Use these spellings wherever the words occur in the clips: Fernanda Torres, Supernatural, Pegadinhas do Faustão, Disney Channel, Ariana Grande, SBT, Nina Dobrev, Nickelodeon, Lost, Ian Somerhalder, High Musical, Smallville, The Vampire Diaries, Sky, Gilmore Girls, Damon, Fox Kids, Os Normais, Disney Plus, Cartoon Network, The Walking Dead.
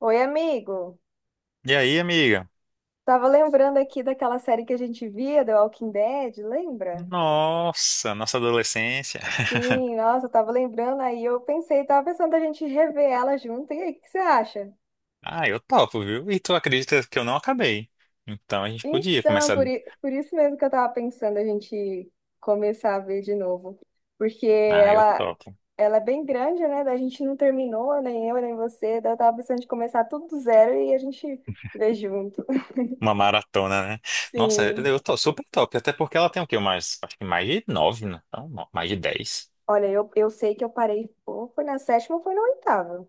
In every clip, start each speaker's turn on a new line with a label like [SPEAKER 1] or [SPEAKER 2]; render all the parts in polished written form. [SPEAKER 1] Oi, amigo.
[SPEAKER 2] E aí, amiga?
[SPEAKER 1] Tava lembrando aqui daquela série que a gente via, The Walking Dead, lembra?
[SPEAKER 2] Nossa, nossa adolescência.
[SPEAKER 1] Sim, nossa, eu tava lembrando aí, eu pensei, tava pensando a gente rever ela junto. E aí, o que você acha?
[SPEAKER 2] Ah, eu topo, viu? E tu acredita que eu não acabei? Então a gente podia
[SPEAKER 1] Então,
[SPEAKER 2] começar.
[SPEAKER 1] por, i- por isso mesmo que eu tava pensando a gente começar a ver de novo, porque
[SPEAKER 2] Ah, eu
[SPEAKER 1] ela
[SPEAKER 2] topo.
[SPEAKER 1] ela é bem grande, né? Da gente não terminou, nem eu, nem você, daí eu tava pensando de começar tudo do zero e a gente ver junto.
[SPEAKER 2] Uma maratona, né? Nossa,
[SPEAKER 1] Sim.
[SPEAKER 2] eu tô super top. Até porque ela tem o quê? Mais, acho que mais de nove, né? Não, não, mais de 10.
[SPEAKER 1] Olha, eu sei que eu parei, ou foi na sétima ou foi na oitava.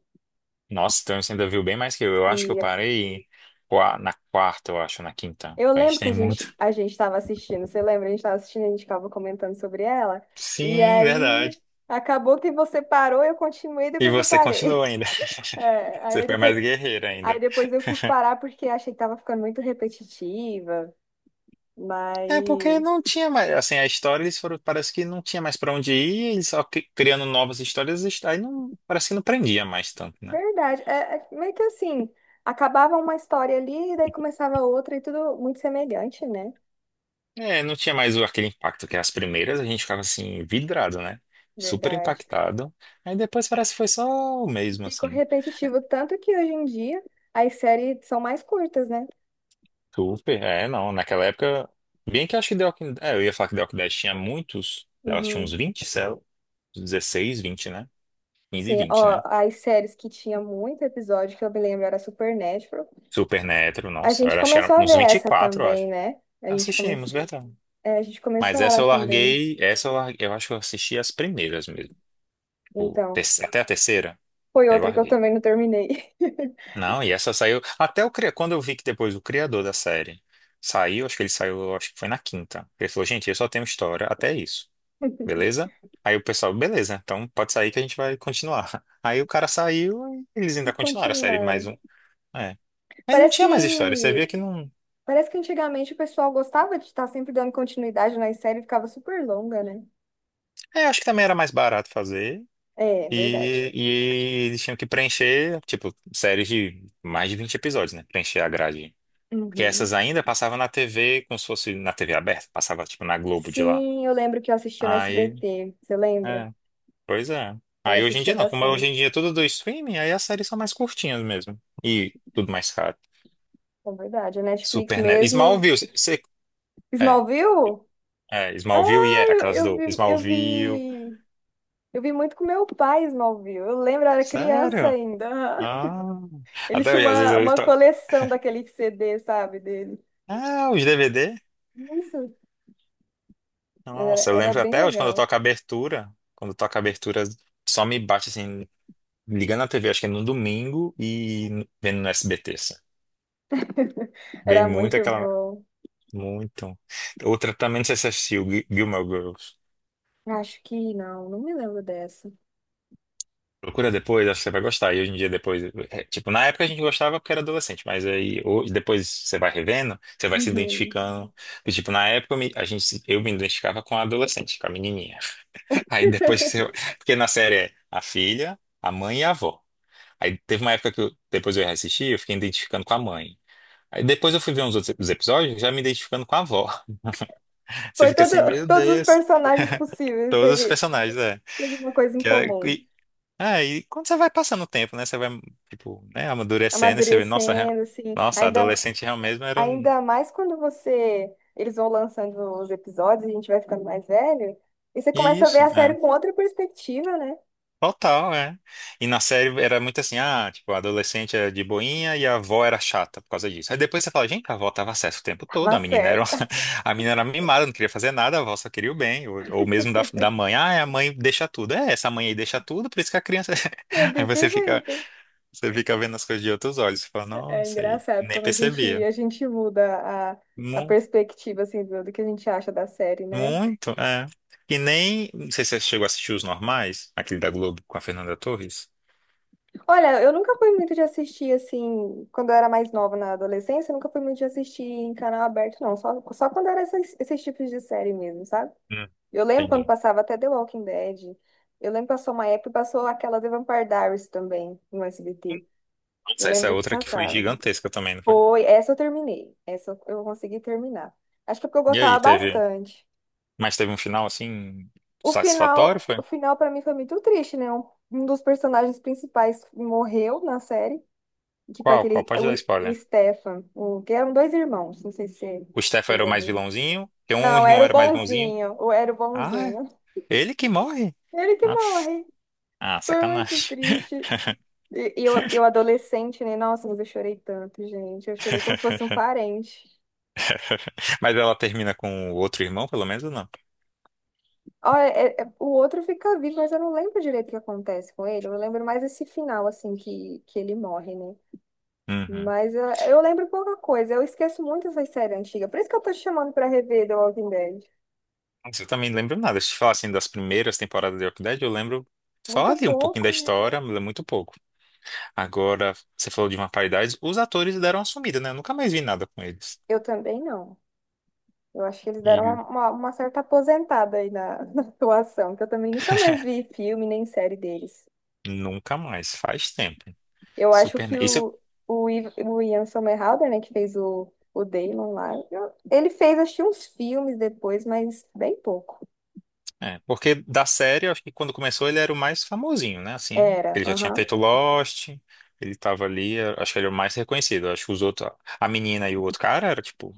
[SPEAKER 2] Nossa, então você ainda viu bem mais que eu. Eu acho que eu
[SPEAKER 1] Liga.
[SPEAKER 2] parei na quarta, eu acho, na quinta.
[SPEAKER 1] Eu
[SPEAKER 2] A gente
[SPEAKER 1] lembro que a
[SPEAKER 2] tem muito.
[SPEAKER 1] gente a gente estava assistindo, você lembra? A gente estava assistindo, a gente ficava comentando sobre ela. E
[SPEAKER 2] Sim,
[SPEAKER 1] aí
[SPEAKER 2] verdade.
[SPEAKER 1] acabou que você parou, eu continuei,
[SPEAKER 2] E
[SPEAKER 1] depois eu
[SPEAKER 2] você continua
[SPEAKER 1] parei.
[SPEAKER 2] ainda.
[SPEAKER 1] É,
[SPEAKER 2] Você
[SPEAKER 1] aí
[SPEAKER 2] foi
[SPEAKER 1] depois
[SPEAKER 2] mais guerreira
[SPEAKER 1] aí
[SPEAKER 2] ainda.
[SPEAKER 1] depois eu quis parar porque achei que tava ficando muito repetitiva,
[SPEAKER 2] É porque
[SPEAKER 1] mas
[SPEAKER 2] não tinha mais, assim, a história eles foram, parece que não tinha mais pra onde ir, eles só criando novas histórias, aí não, parece que não prendia mais tanto, né?
[SPEAKER 1] verdade, é, é meio que assim, acabava uma história ali e daí começava outra e tudo muito semelhante, né?
[SPEAKER 2] É, não tinha mais aquele impacto que as primeiras a gente ficava assim vidrado, né? Super
[SPEAKER 1] Verdade.
[SPEAKER 2] impactado. Aí depois parece que foi só o mesmo
[SPEAKER 1] Ficou
[SPEAKER 2] assim.
[SPEAKER 1] repetitivo tanto que hoje em dia as séries são mais curtas, né?
[SPEAKER 2] Super, é, não, naquela época, bem que eu acho que The Walking, é, eu ia falar que The Walking Dead tinha muitos, elas tinham uns
[SPEAKER 1] Uhum.
[SPEAKER 2] 20 sei lá, uns 16, 20, né? 15 e
[SPEAKER 1] Sim,
[SPEAKER 2] 20,
[SPEAKER 1] ó,
[SPEAKER 2] né?
[SPEAKER 1] as séries que tinha muito episódio, que eu me lembro, era Supernatural.
[SPEAKER 2] Supernatural,
[SPEAKER 1] A
[SPEAKER 2] nossa,
[SPEAKER 1] gente
[SPEAKER 2] eu acho que era
[SPEAKER 1] começou a ver
[SPEAKER 2] uns
[SPEAKER 1] essa
[SPEAKER 2] 24, eu
[SPEAKER 1] também,
[SPEAKER 2] acho.
[SPEAKER 1] né? A gente
[SPEAKER 2] Assistimos,
[SPEAKER 1] começou,
[SPEAKER 2] verdade.
[SPEAKER 1] é, a gente começou
[SPEAKER 2] Mas
[SPEAKER 1] ela também.
[SPEAKER 2] essa eu larguei, eu acho que eu assisti as primeiras mesmo, tipo,
[SPEAKER 1] Então,
[SPEAKER 2] até a terceira,
[SPEAKER 1] foi
[SPEAKER 2] aí eu
[SPEAKER 1] outra que eu
[SPEAKER 2] larguei.
[SPEAKER 1] também não terminei.
[SPEAKER 2] Não, e essa saiu, até o quando eu vi que depois o criador da série saiu, acho que ele saiu, acho que foi na quinta. Ele falou, gente, eu só tenho história, até isso, beleza? Aí o pessoal, beleza, então pode sair que a gente vai continuar. Aí o cara saiu e eles
[SPEAKER 1] E
[SPEAKER 2] ainda continuaram a série mais
[SPEAKER 1] continuaram.
[SPEAKER 2] um. É. Mas não
[SPEAKER 1] Parece
[SPEAKER 2] tinha mais história, você via
[SPEAKER 1] que,
[SPEAKER 2] que não.
[SPEAKER 1] parece que antigamente o pessoal gostava de estar sempre dando continuidade nas séries, ficava super longa, né?
[SPEAKER 2] É, acho que também era mais barato fazer.
[SPEAKER 1] É, é verdade.
[SPEAKER 2] E eles tinham que preencher, tipo, séries de mais de 20 episódios, né? Preencher a grade. Porque
[SPEAKER 1] Uhum.
[SPEAKER 2] essas ainda passavam na TV, como se fosse na TV aberta, passava, tipo, na Globo de lá.
[SPEAKER 1] Sim, eu lembro que eu assistia no
[SPEAKER 2] Aí,
[SPEAKER 1] SBT. Você lembra?
[SPEAKER 2] é, pois é.
[SPEAKER 1] Eu
[SPEAKER 2] Aí hoje em
[SPEAKER 1] assistia
[SPEAKER 2] dia não, como hoje em
[SPEAKER 1] bastante.
[SPEAKER 2] dia é tudo do streaming, aí as séries são mais curtinhas mesmo. E tudo mais caro.
[SPEAKER 1] É verdade. A Netflix
[SPEAKER 2] Supernatural.
[SPEAKER 1] mesmo.
[SPEAKER 2] Smallville, você. É,
[SPEAKER 1] Smallville?
[SPEAKER 2] é, Smallville e é,
[SPEAKER 1] Eu,
[SPEAKER 2] aquelas
[SPEAKER 1] eu
[SPEAKER 2] do.
[SPEAKER 1] vi, eu
[SPEAKER 2] Smallville.
[SPEAKER 1] vi, eu vi muito com meu pai Smallville. Eu lembro, eu era criança
[SPEAKER 2] Sério?
[SPEAKER 1] ainda. Aham.
[SPEAKER 2] Ah.
[SPEAKER 1] Ele
[SPEAKER 2] Até
[SPEAKER 1] tinha
[SPEAKER 2] hoje, às vezes eu.
[SPEAKER 1] uma coleção daquele CD, sabe, dele.
[SPEAKER 2] Ah, os DVD?
[SPEAKER 1] Isso, era,
[SPEAKER 2] Nossa, eu
[SPEAKER 1] era
[SPEAKER 2] lembro
[SPEAKER 1] bem
[SPEAKER 2] até hoje quando eu
[SPEAKER 1] legal.
[SPEAKER 2] toco a abertura. Quando eu toco a abertura, só me bate assim, ligando a TV, acho que é no domingo e vendo no SBT. Assim. Bem
[SPEAKER 1] Era
[SPEAKER 2] muito
[SPEAKER 1] muito
[SPEAKER 2] aquela.
[SPEAKER 1] bom.
[SPEAKER 2] Muito. Outra também, não sei se você assistiu, Gilmore Girls.
[SPEAKER 1] Acho que não, não me lembro dessa.
[SPEAKER 2] Procura depois, acho que você vai gostar. E hoje em dia, depois. É, tipo, na época a gente gostava porque era adolescente, mas aí hoje, depois você vai revendo, você vai se
[SPEAKER 1] Uhum.
[SPEAKER 2] identificando. E, tipo, na época eu me, a gente, eu me identificava com a adolescente, com a menininha. Aí depois que você. Porque na série é a filha, a mãe e a avó. Aí teve uma época que depois eu reassisti, eu fiquei identificando com a mãe. Aí depois eu fui ver uns outros os episódios, já me identificando com a avó. Você
[SPEAKER 1] Foi
[SPEAKER 2] fica
[SPEAKER 1] todo,
[SPEAKER 2] assim, meu
[SPEAKER 1] todos os
[SPEAKER 2] Deus,
[SPEAKER 1] personagens possíveis,
[SPEAKER 2] todos os
[SPEAKER 1] teve,
[SPEAKER 2] personagens, é.
[SPEAKER 1] teve uma coisa em
[SPEAKER 2] Que,
[SPEAKER 1] comum.
[SPEAKER 2] e, ah, e quando você vai passando o tempo, né? Você vai, tipo, né, amadurecendo e você vê, nossa,
[SPEAKER 1] Amadurecendo, assim,
[SPEAKER 2] nossa,
[SPEAKER 1] ainda,
[SPEAKER 2] adolescente realmente era um,
[SPEAKER 1] ainda mais quando você. Eles vão lançando os episódios, a gente vai ficando mais velho. E você começa a ver
[SPEAKER 2] isso.
[SPEAKER 1] a série
[SPEAKER 2] é."
[SPEAKER 1] com outra perspectiva, né?
[SPEAKER 2] Total, é. E na série era muito assim, ah, tipo, a adolescente era de boinha e a avó era chata por causa disso. Aí depois você fala, gente, a avó tava certa o tempo todo,
[SPEAKER 1] Tava
[SPEAKER 2] a menina era,
[SPEAKER 1] certa.
[SPEAKER 2] a menina era mimada, não queria fazer nada, a avó só queria o bem. Ou mesmo da mãe, ah, é, a mãe deixa tudo. É, essa mãe aí deixa tudo, por isso que a criança...
[SPEAKER 1] É
[SPEAKER 2] Aí
[SPEAKER 1] desse
[SPEAKER 2] você fica,
[SPEAKER 1] jeito.
[SPEAKER 2] você fica vendo as coisas de outros olhos, você fala,
[SPEAKER 1] É
[SPEAKER 2] nossa, aí
[SPEAKER 1] engraçado
[SPEAKER 2] nem
[SPEAKER 1] como a gente,
[SPEAKER 2] percebia.
[SPEAKER 1] a gente muda a
[SPEAKER 2] Mu-
[SPEAKER 1] perspectiva, assim, do, do que a gente acha da série, né?
[SPEAKER 2] Muito, é. E nem, não sei se você chegou a assistir Os Normais, aquele da Globo com a Fernanda Torres.
[SPEAKER 1] Olha, eu nunca fui muito de assistir, assim, quando eu era mais nova na adolescência, eu nunca fui muito de assistir em canal aberto, não. Só quando era esses tipos de série mesmo, sabe?
[SPEAKER 2] Hum,
[SPEAKER 1] Eu lembro quando
[SPEAKER 2] Entendi.
[SPEAKER 1] passava até The Walking Dead. Eu lembro que passou uma época e passou aquela The Vampire Diaries também no SBT. Eu
[SPEAKER 2] Essa é
[SPEAKER 1] lembro que
[SPEAKER 2] outra que foi
[SPEAKER 1] passava.
[SPEAKER 2] gigantesca também, não foi?
[SPEAKER 1] Foi, essa eu terminei. Essa eu consegui terminar. Acho que é porque eu
[SPEAKER 2] E
[SPEAKER 1] gostava
[SPEAKER 2] aí, teve.
[SPEAKER 1] bastante.
[SPEAKER 2] Mas teve um final assim
[SPEAKER 1] O
[SPEAKER 2] satisfatório,
[SPEAKER 1] final, o
[SPEAKER 2] foi?
[SPEAKER 1] final para mim foi muito triste, né? Um dos personagens principais morreu na série. Tipo
[SPEAKER 2] Qual? Qual?
[SPEAKER 1] aquele,
[SPEAKER 2] Pode dar
[SPEAKER 1] o
[SPEAKER 2] spoiler.
[SPEAKER 1] Stefan, o, que eram dois irmãos, não sei se você
[SPEAKER 2] O Stefan
[SPEAKER 1] você
[SPEAKER 2] era o
[SPEAKER 1] já
[SPEAKER 2] mais
[SPEAKER 1] viu.
[SPEAKER 2] vilãozinho, que um
[SPEAKER 1] Não,
[SPEAKER 2] irmão
[SPEAKER 1] era o
[SPEAKER 2] era mais bonzinho.
[SPEAKER 1] bonzinho, ou era o
[SPEAKER 2] Ah,
[SPEAKER 1] bonzinho.
[SPEAKER 2] é ele que morre.
[SPEAKER 1] Ele que
[SPEAKER 2] Ah,
[SPEAKER 1] morre.
[SPEAKER 2] ah,
[SPEAKER 1] Foi muito
[SPEAKER 2] sacanagem.
[SPEAKER 1] triste. E eu adolescente, né? Nossa, mas eu chorei tanto, gente. Eu chorei como se fosse um parente.
[SPEAKER 2] Mas ela termina com o outro irmão, pelo menos, ou não?
[SPEAKER 1] Ó, é- é- o outro fica vivo, mas eu não lembro direito o que acontece com ele. Eu lembro mais esse final, assim, que ele morre, né?
[SPEAKER 2] Uhum.
[SPEAKER 1] Mas eu lembro pouca coisa. Eu esqueço muito essas séries antigas. Por isso que eu tô te chamando pra rever The Walking Dead.
[SPEAKER 2] Nossa, eu também não lembro nada. Se eu te falar assim das primeiras temporadas de Walking Dead, eu lembro só
[SPEAKER 1] Muito
[SPEAKER 2] ali um pouquinho da
[SPEAKER 1] pouco, né?
[SPEAKER 2] história, mas é muito pouco. Agora, você falou de uma paridade, os atores deram uma sumida, né? Eu nunca mais vi nada com eles.
[SPEAKER 1] Eu também não. Eu acho que eles deram
[SPEAKER 2] E
[SPEAKER 1] uma certa aposentada aí na, na atuação, que eu também nunca mais vi filme nem série deles.
[SPEAKER 2] nunca mais, faz tempo.
[SPEAKER 1] Eu acho
[SPEAKER 2] Super.
[SPEAKER 1] que
[SPEAKER 2] Isso
[SPEAKER 1] o Ian Somerhalder, né, que fez o Damon lá, ele fez, acho que uns filmes depois, mas bem pouco.
[SPEAKER 2] é, porque da série, eu acho que quando começou ele era o mais famosinho, né? Assim,
[SPEAKER 1] Era,
[SPEAKER 2] ele já tinha
[SPEAKER 1] aham.
[SPEAKER 2] feito Lost, ele tava ali, eu acho que ele era o mais reconhecido. Eu acho que os outros, a menina e o outro cara, era tipo,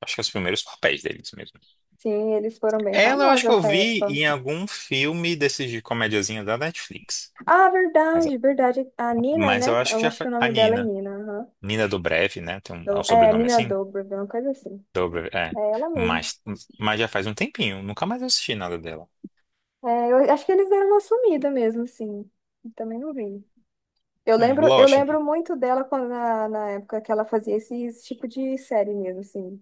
[SPEAKER 2] acho que os primeiros papéis deles mesmo.
[SPEAKER 1] Sim, eles foram bem
[SPEAKER 2] Ela, eu
[SPEAKER 1] famosos
[SPEAKER 2] acho que eu
[SPEAKER 1] nessa
[SPEAKER 2] vi
[SPEAKER 1] época.
[SPEAKER 2] em algum filme desses de comediazinha da Netflix.
[SPEAKER 1] Ah,
[SPEAKER 2] Mas,
[SPEAKER 1] verdade, verdade. A Nina,
[SPEAKER 2] mas eu
[SPEAKER 1] né?
[SPEAKER 2] acho que
[SPEAKER 1] Eu
[SPEAKER 2] já
[SPEAKER 1] acho
[SPEAKER 2] foi
[SPEAKER 1] que o
[SPEAKER 2] a
[SPEAKER 1] nome dela é
[SPEAKER 2] Nina.
[SPEAKER 1] Nina, aham.
[SPEAKER 2] Nina Dobrev, né? Tem um, é um
[SPEAKER 1] É,
[SPEAKER 2] sobrenome
[SPEAKER 1] Nina
[SPEAKER 2] assim?
[SPEAKER 1] Dobrev, uma coisa assim.
[SPEAKER 2] Dobrev, é.
[SPEAKER 1] É ela mesmo.
[SPEAKER 2] Mas, mas já faz um tempinho, nunca mais assisti nada dela.
[SPEAKER 1] É, eu acho que eles deram uma sumida mesmo, assim. Eu também não vi. Eu
[SPEAKER 2] É,
[SPEAKER 1] lembro, eu
[SPEAKER 2] Lost.
[SPEAKER 1] lembro muito dela quando, na, na época que ela fazia esse, esse tipo de série mesmo, assim.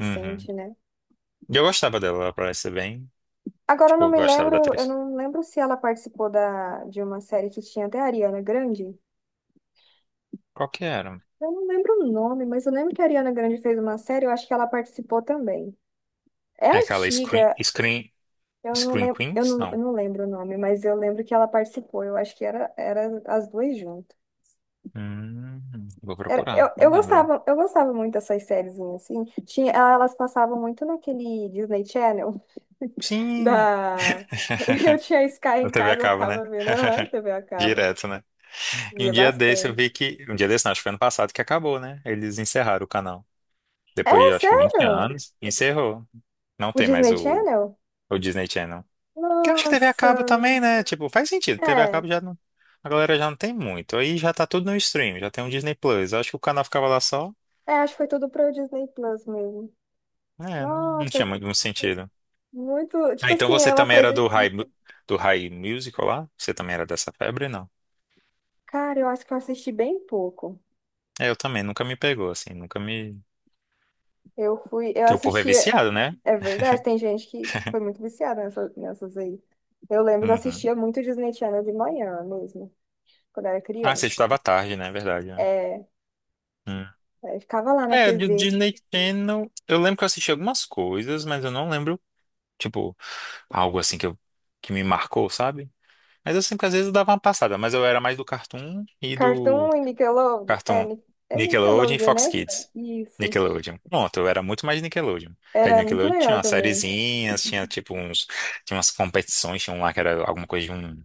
[SPEAKER 2] Uhum.
[SPEAKER 1] né?
[SPEAKER 2] E eu gostava dela, ela parece bem.
[SPEAKER 1] Agora eu
[SPEAKER 2] Tipo,
[SPEAKER 1] não
[SPEAKER 2] eu
[SPEAKER 1] me
[SPEAKER 2] gostava da
[SPEAKER 1] lembro, eu
[SPEAKER 2] atriz.
[SPEAKER 1] não lembro se ela participou da, de uma série que tinha até a Ariana Grande.
[SPEAKER 2] Qual que era?
[SPEAKER 1] Eu não lembro o nome, mas eu lembro que a Ariana Grande fez uma série, eu acho que ela participou também. É
[SPEAKER 2] É aquela
[SPEAKER 1] antiga, eu não
[SPEAKER 2] Screen
[SPEAKER 1] lembro, eu
[SPEAKER 2] Queens?
[SPEAKER 1] não, eu
[SPEAKER 2] Não.
[SPEAKER 1] não lembro o nome, mas eu lembro que ela participou. Eu acho que era, era as duas juntas.
[SPEAKER 2] Vou
[SPEAKER 1] Era- eu,
[SPEAKER 2] procurar, não
[SPEAKER 1] eu
[SPEAKER 2] lembro.
[SPEAKER 1] gostava, eu gostava muito dessas séries assim. Tinha, elas passavam muito naquele Disney Channel
[SPEAKER 2] Sim!
[SPEAKER 1] da. Eu tinha Sky
[SPEAKER 2] Na
[SPEAKER 1] em
[SPEAKER 2] TV a
[SPEAKER 1] casa, eu
[SPEAKER 2] cabo, né?
[SPEAKER 1] ficava vendo, aham, TV a cabo.
[SPEAKER 2] Direto, né? E
[SPEAKER 1] Via
[SPEAKER 2] um dia desse eu vi
[SPEAKER 1] bastante.
[SPEAKER 2] que. Um dia desse, não, acho que foi ano passado que acabou, né? Eles encerraram o canal. Depois
[SPEAKER 1] É,
[SPEAKER 2] de acho que 20
[SPEAKER 1] sério?
[SPEAKER 2] anos, encerrou. Não
[SPEAKER 1] O
[SPEAKER 2] tem mais
[SPEAKER 1] Disney
[SPEAKER 2] o,
[SPEAKER 1] Channel?
[SPEAKER 2] o Disney Channel. Que eu acho que TV a
[SPEAKER 1] Nossa.
[SPEAKER 2] cabo também, né? Tipo, faz sentido. TV a
[SPEAKER 1] É.
[SPEAKER 2] cabo já não. A galera já não tem muito. Aí já tá tudo no stream, já tem um Disney Plus. Eu acho que o canal ficava lá só.
[SPEAKER 1] É, acho que foi tudo para o Disney Plus mesmo.
[SPEAKER 2] É, não, não
[SPEAKER 1] Nossa,
[SPEAKER 2] tinha muito muito sentido.
[SPEAKER 1] muito.
[SPEAKER 2] Ah,
[SPEAKER 1] Tipo
[SPEAKER 2] então
[SPEAKER 1] assim,
[SPEAKER 2] você
[SPEAKER 1] é uma
[SPEAKER 2] também era
[SPEAKER 1] coisa
[SPEAKER 2] do
[SPEAKER 1] que.
[SPEAKER 2] High, do High Musical lá? Você também era dessa febre, não?
[SPEAKER 1] Cara, eu acho que eu assisti bem pouco.
[SPEAKER 2] É, eu também, nunca me pegou, assim, nunca me.
[SPEAKER 1] Eu fui. Eu
[SPEAKER 2] Porque o povo é
[SPEAKER 1] assisti.
[SPEAKER 2] viciado, né?
[SPEAKER 1] É verdade, tem gente que foi muito viciada nessa- nessas aí. Eu lembro que eu
[SPEAKER 2] Uhum.
[SPEAKER 1] assistia muito Disney Channel de manhã mesmo, quando eu era
[SPEAKER 2] Ah, você
[SPEAKER 1] criança.
[SPEAKER 2] estudava tarde, né? É verdade, né?
[SPEAKER 1] É,
[SPEAKER 2] Hum.
[SPEAKER 1] aí ficava lá na
[SPEAKER 2] É, do
[SPEAKER 1] TV.
[SPEAKER 2] Disney Channel. Eu lembro que eu assisti algumas coisas, mas eu não lembro, tipo, algo assim que, eu, que me marcou, sabe? Mas eu sempre, às vezes, eu dava uma passada, mas eu era mais do Cartoon e do
[SPEAKER 1] Cartoon e Nickelodeon. É,
[SPEAKER 2] Cartoon Nickelodeon e
[SPEAKER 1] Nickelodeon,
[SPEAKER 2] Fox
[SPEAKER 1] né?
[SPEAKER 2] Kids.
[SPEAKER 1] Isso.
[SPEAKER 2] Nickelodeon. Pronto, eu era muito mais Nickelodeon. Que aí
[SPEAKER 1] Era muito
[SPEAKER 2] Nickelodeon tinha
[SPEAKER 1] legal
[SPEAKER 2] umas
[SPEAKER 1] também.
[SPEAKER 2] sériezinhas, tinha tipo uns. Tinha umas competições, tinha um lá que era alguma coisa de um.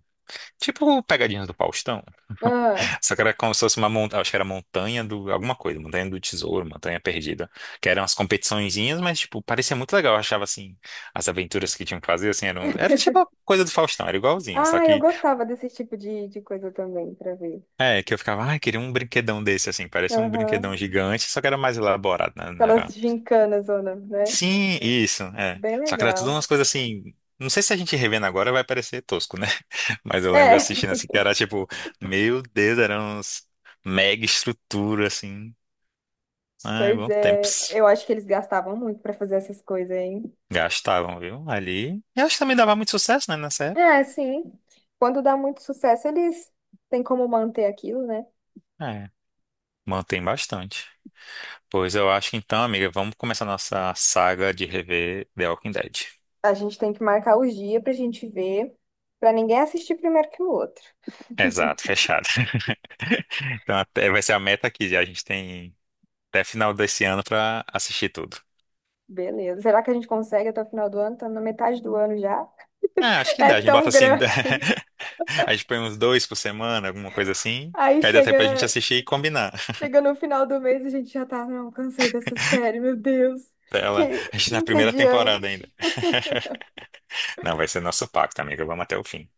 [SPEAKER 2] Tipo Pegadinhas do Faustão.
[SPEAKER 1] Ah,
[SPEAKER 2] Só que era como se fosse uma montanha. Acho que era montanha do. Alguma coisa, montanha do tesouro, montanha perdida. Que eram as competiçõezinhas, mas, tipo, parecia muito legal. Eu achava assim. As aventuras que tinham que fazer, assim, eram. Era tipo a coisa do Faustão, era igualzinho. Só
[SPEAKER 1] ah eu
[SPEAKER 2] que
[SPEAKER 1] gostava desse tipo de coisa também, pra ver.
[SPEAKER 2] é, que eu ficava, ai, queria um brinquedão desse, assim, parece um
[SPEAKER 1] Aham.
[SPEAKER 2] brinquedão gigante, só que era mais elaborado, né? Não era...
[SPEAKER 1] Aquelas gincanas, zona, né?
[SPEAKER 2] Sim, isso, é.
[SPEAKER 1] Bem
[SPEAKER 2] Só que era tudo
[SPEAKER 1] legal.
[SPEAKER 2] umas coisas assim. Não sei se a gente revendo agora vai parecer tosco, né? Mas eu lembro
[SPEAKER 1] É,
[SPEAKER 2] assistindo assim, que era tipo, meu Deus, eram uns mega estrutura, assim. Ai,
[SPEAKER 1] pois
[SPEAKER 2] bons tempos.
[SPEAKER 1] é. Eu acho que eles gastavam muito pra fazer essas coisas, hein?
[SPEAKER 2] Gastavam, viu? Ali. E acho que também dava muito sucesso, né, nessa época.
[SPEAKER 1] É, sim. Quando dá muito sucesso, eles têm como manter aquilo, né?
[SPEAKER 2] É, mantém bastante. Pois eu acho que então, amiga, vamos começar nossa saga de rever The Walking Dead.
[SPEAKER 1] A gente tem que marcar os dias pra gente ver, pra ninguém assistir primeiro que o outro.
[SPEAKER 2] Exato, fechado. Então até vai ser a meta aqui. A gente tem até final desse ano pra assistir tudo.
[SPEAKER 1] Beleza. Será que a gente consegue até o final do ano? Tá na metade do ano já.
[SPEAKER 2] Ah, acho que
[SPEAKER 1] É
[SPEAKER 2] dá. A gente
[SPEAKER 1] tão
[SPEAKER 2] bota assim.
[SPEAKER 1] grande.
[SPEAKER 2] A gente põe uns dois por semana, alguma coisa assim.
[SPEAKER 1] Aí
[SPEAKER 2] Que aí dá tempo pra gente
[SPEAKER 1] chega,
[SPEAKER 2] assistir e combinar.
[SPEAKER 1] chega no final do mês e a gente já tá, não, cansei dessa série, meu Deus,
[SPEAKER 2] Pra
[SPEAKER 1] que
[SPEAKER 2] ela, a gente na primeira temporada ainda.
[SPEAKER 1] entediante.
[SPEAKER 2] Não, vai ser nosso pacto, amiga. Vamos até o fim.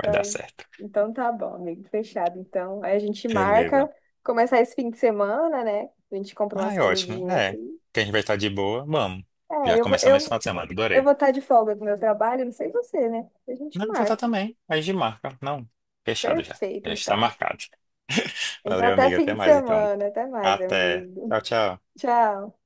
[SPEAKER 2] Vai dar
[SPEAKER 1] Ai,
[SPEAKER 2] certo.
[SPEAKER 1] então tá bom, amigo, fechado. Então, aí a gente marca,
[SPEAKER 2] Beleza.
[SPEAKER 1] começar esse fim de semana, né? A gente compra
[SPEAKER 2] Ah,
[SPEAKER 1] umas
[SPEAKER 2] é ótimo.
[SPEAKER 1] comidinhas
[SPEAKER 2] É.
[SPEAKER 1] assim.
[SPEAKER 2] Que a gente vai estar de boa. Vamos.
[SPEAKER 1] É,
[SPEAKER 2] Já
[SPEAKER 1] eu, vou-
[SPEAKER 2] começamos esse
[SPEAKER 1] eu,
[SPEAKER 2] final de semana.
[SPEAKER 1] eu
[SPEAKER 2] Adorei.
[SPEAKER 1] vou estar de folga do meu trabalho, não sei você, né? A gente
[SPEAKER 2] Não, vou estar
[SPEAKER 1] marca.
[SPEAKER 2] também. A gente marca. Não. Fechado já.
[SPEAKER 1] Perfeito,
[SPEAKER 2] Já está
[SPEAKER 1] então.
[SPEAKER 2] marcado.
[SPEAKER 1] Então,
[SPEAKER 2] Valeu,
[SPEAKER 1] até
[SPEAKER 2] amiga. Até
[SPEAKER 1] fim de
[SPEAKER 2] mais, então.
[SPEAKER 1] semana. Até mais,
[SPEAKER 2] Até.
[SPEAKER 1] amigo.
[SPEAKER 2] Tchau, tchau.
[SPEAKER 1] Tchau.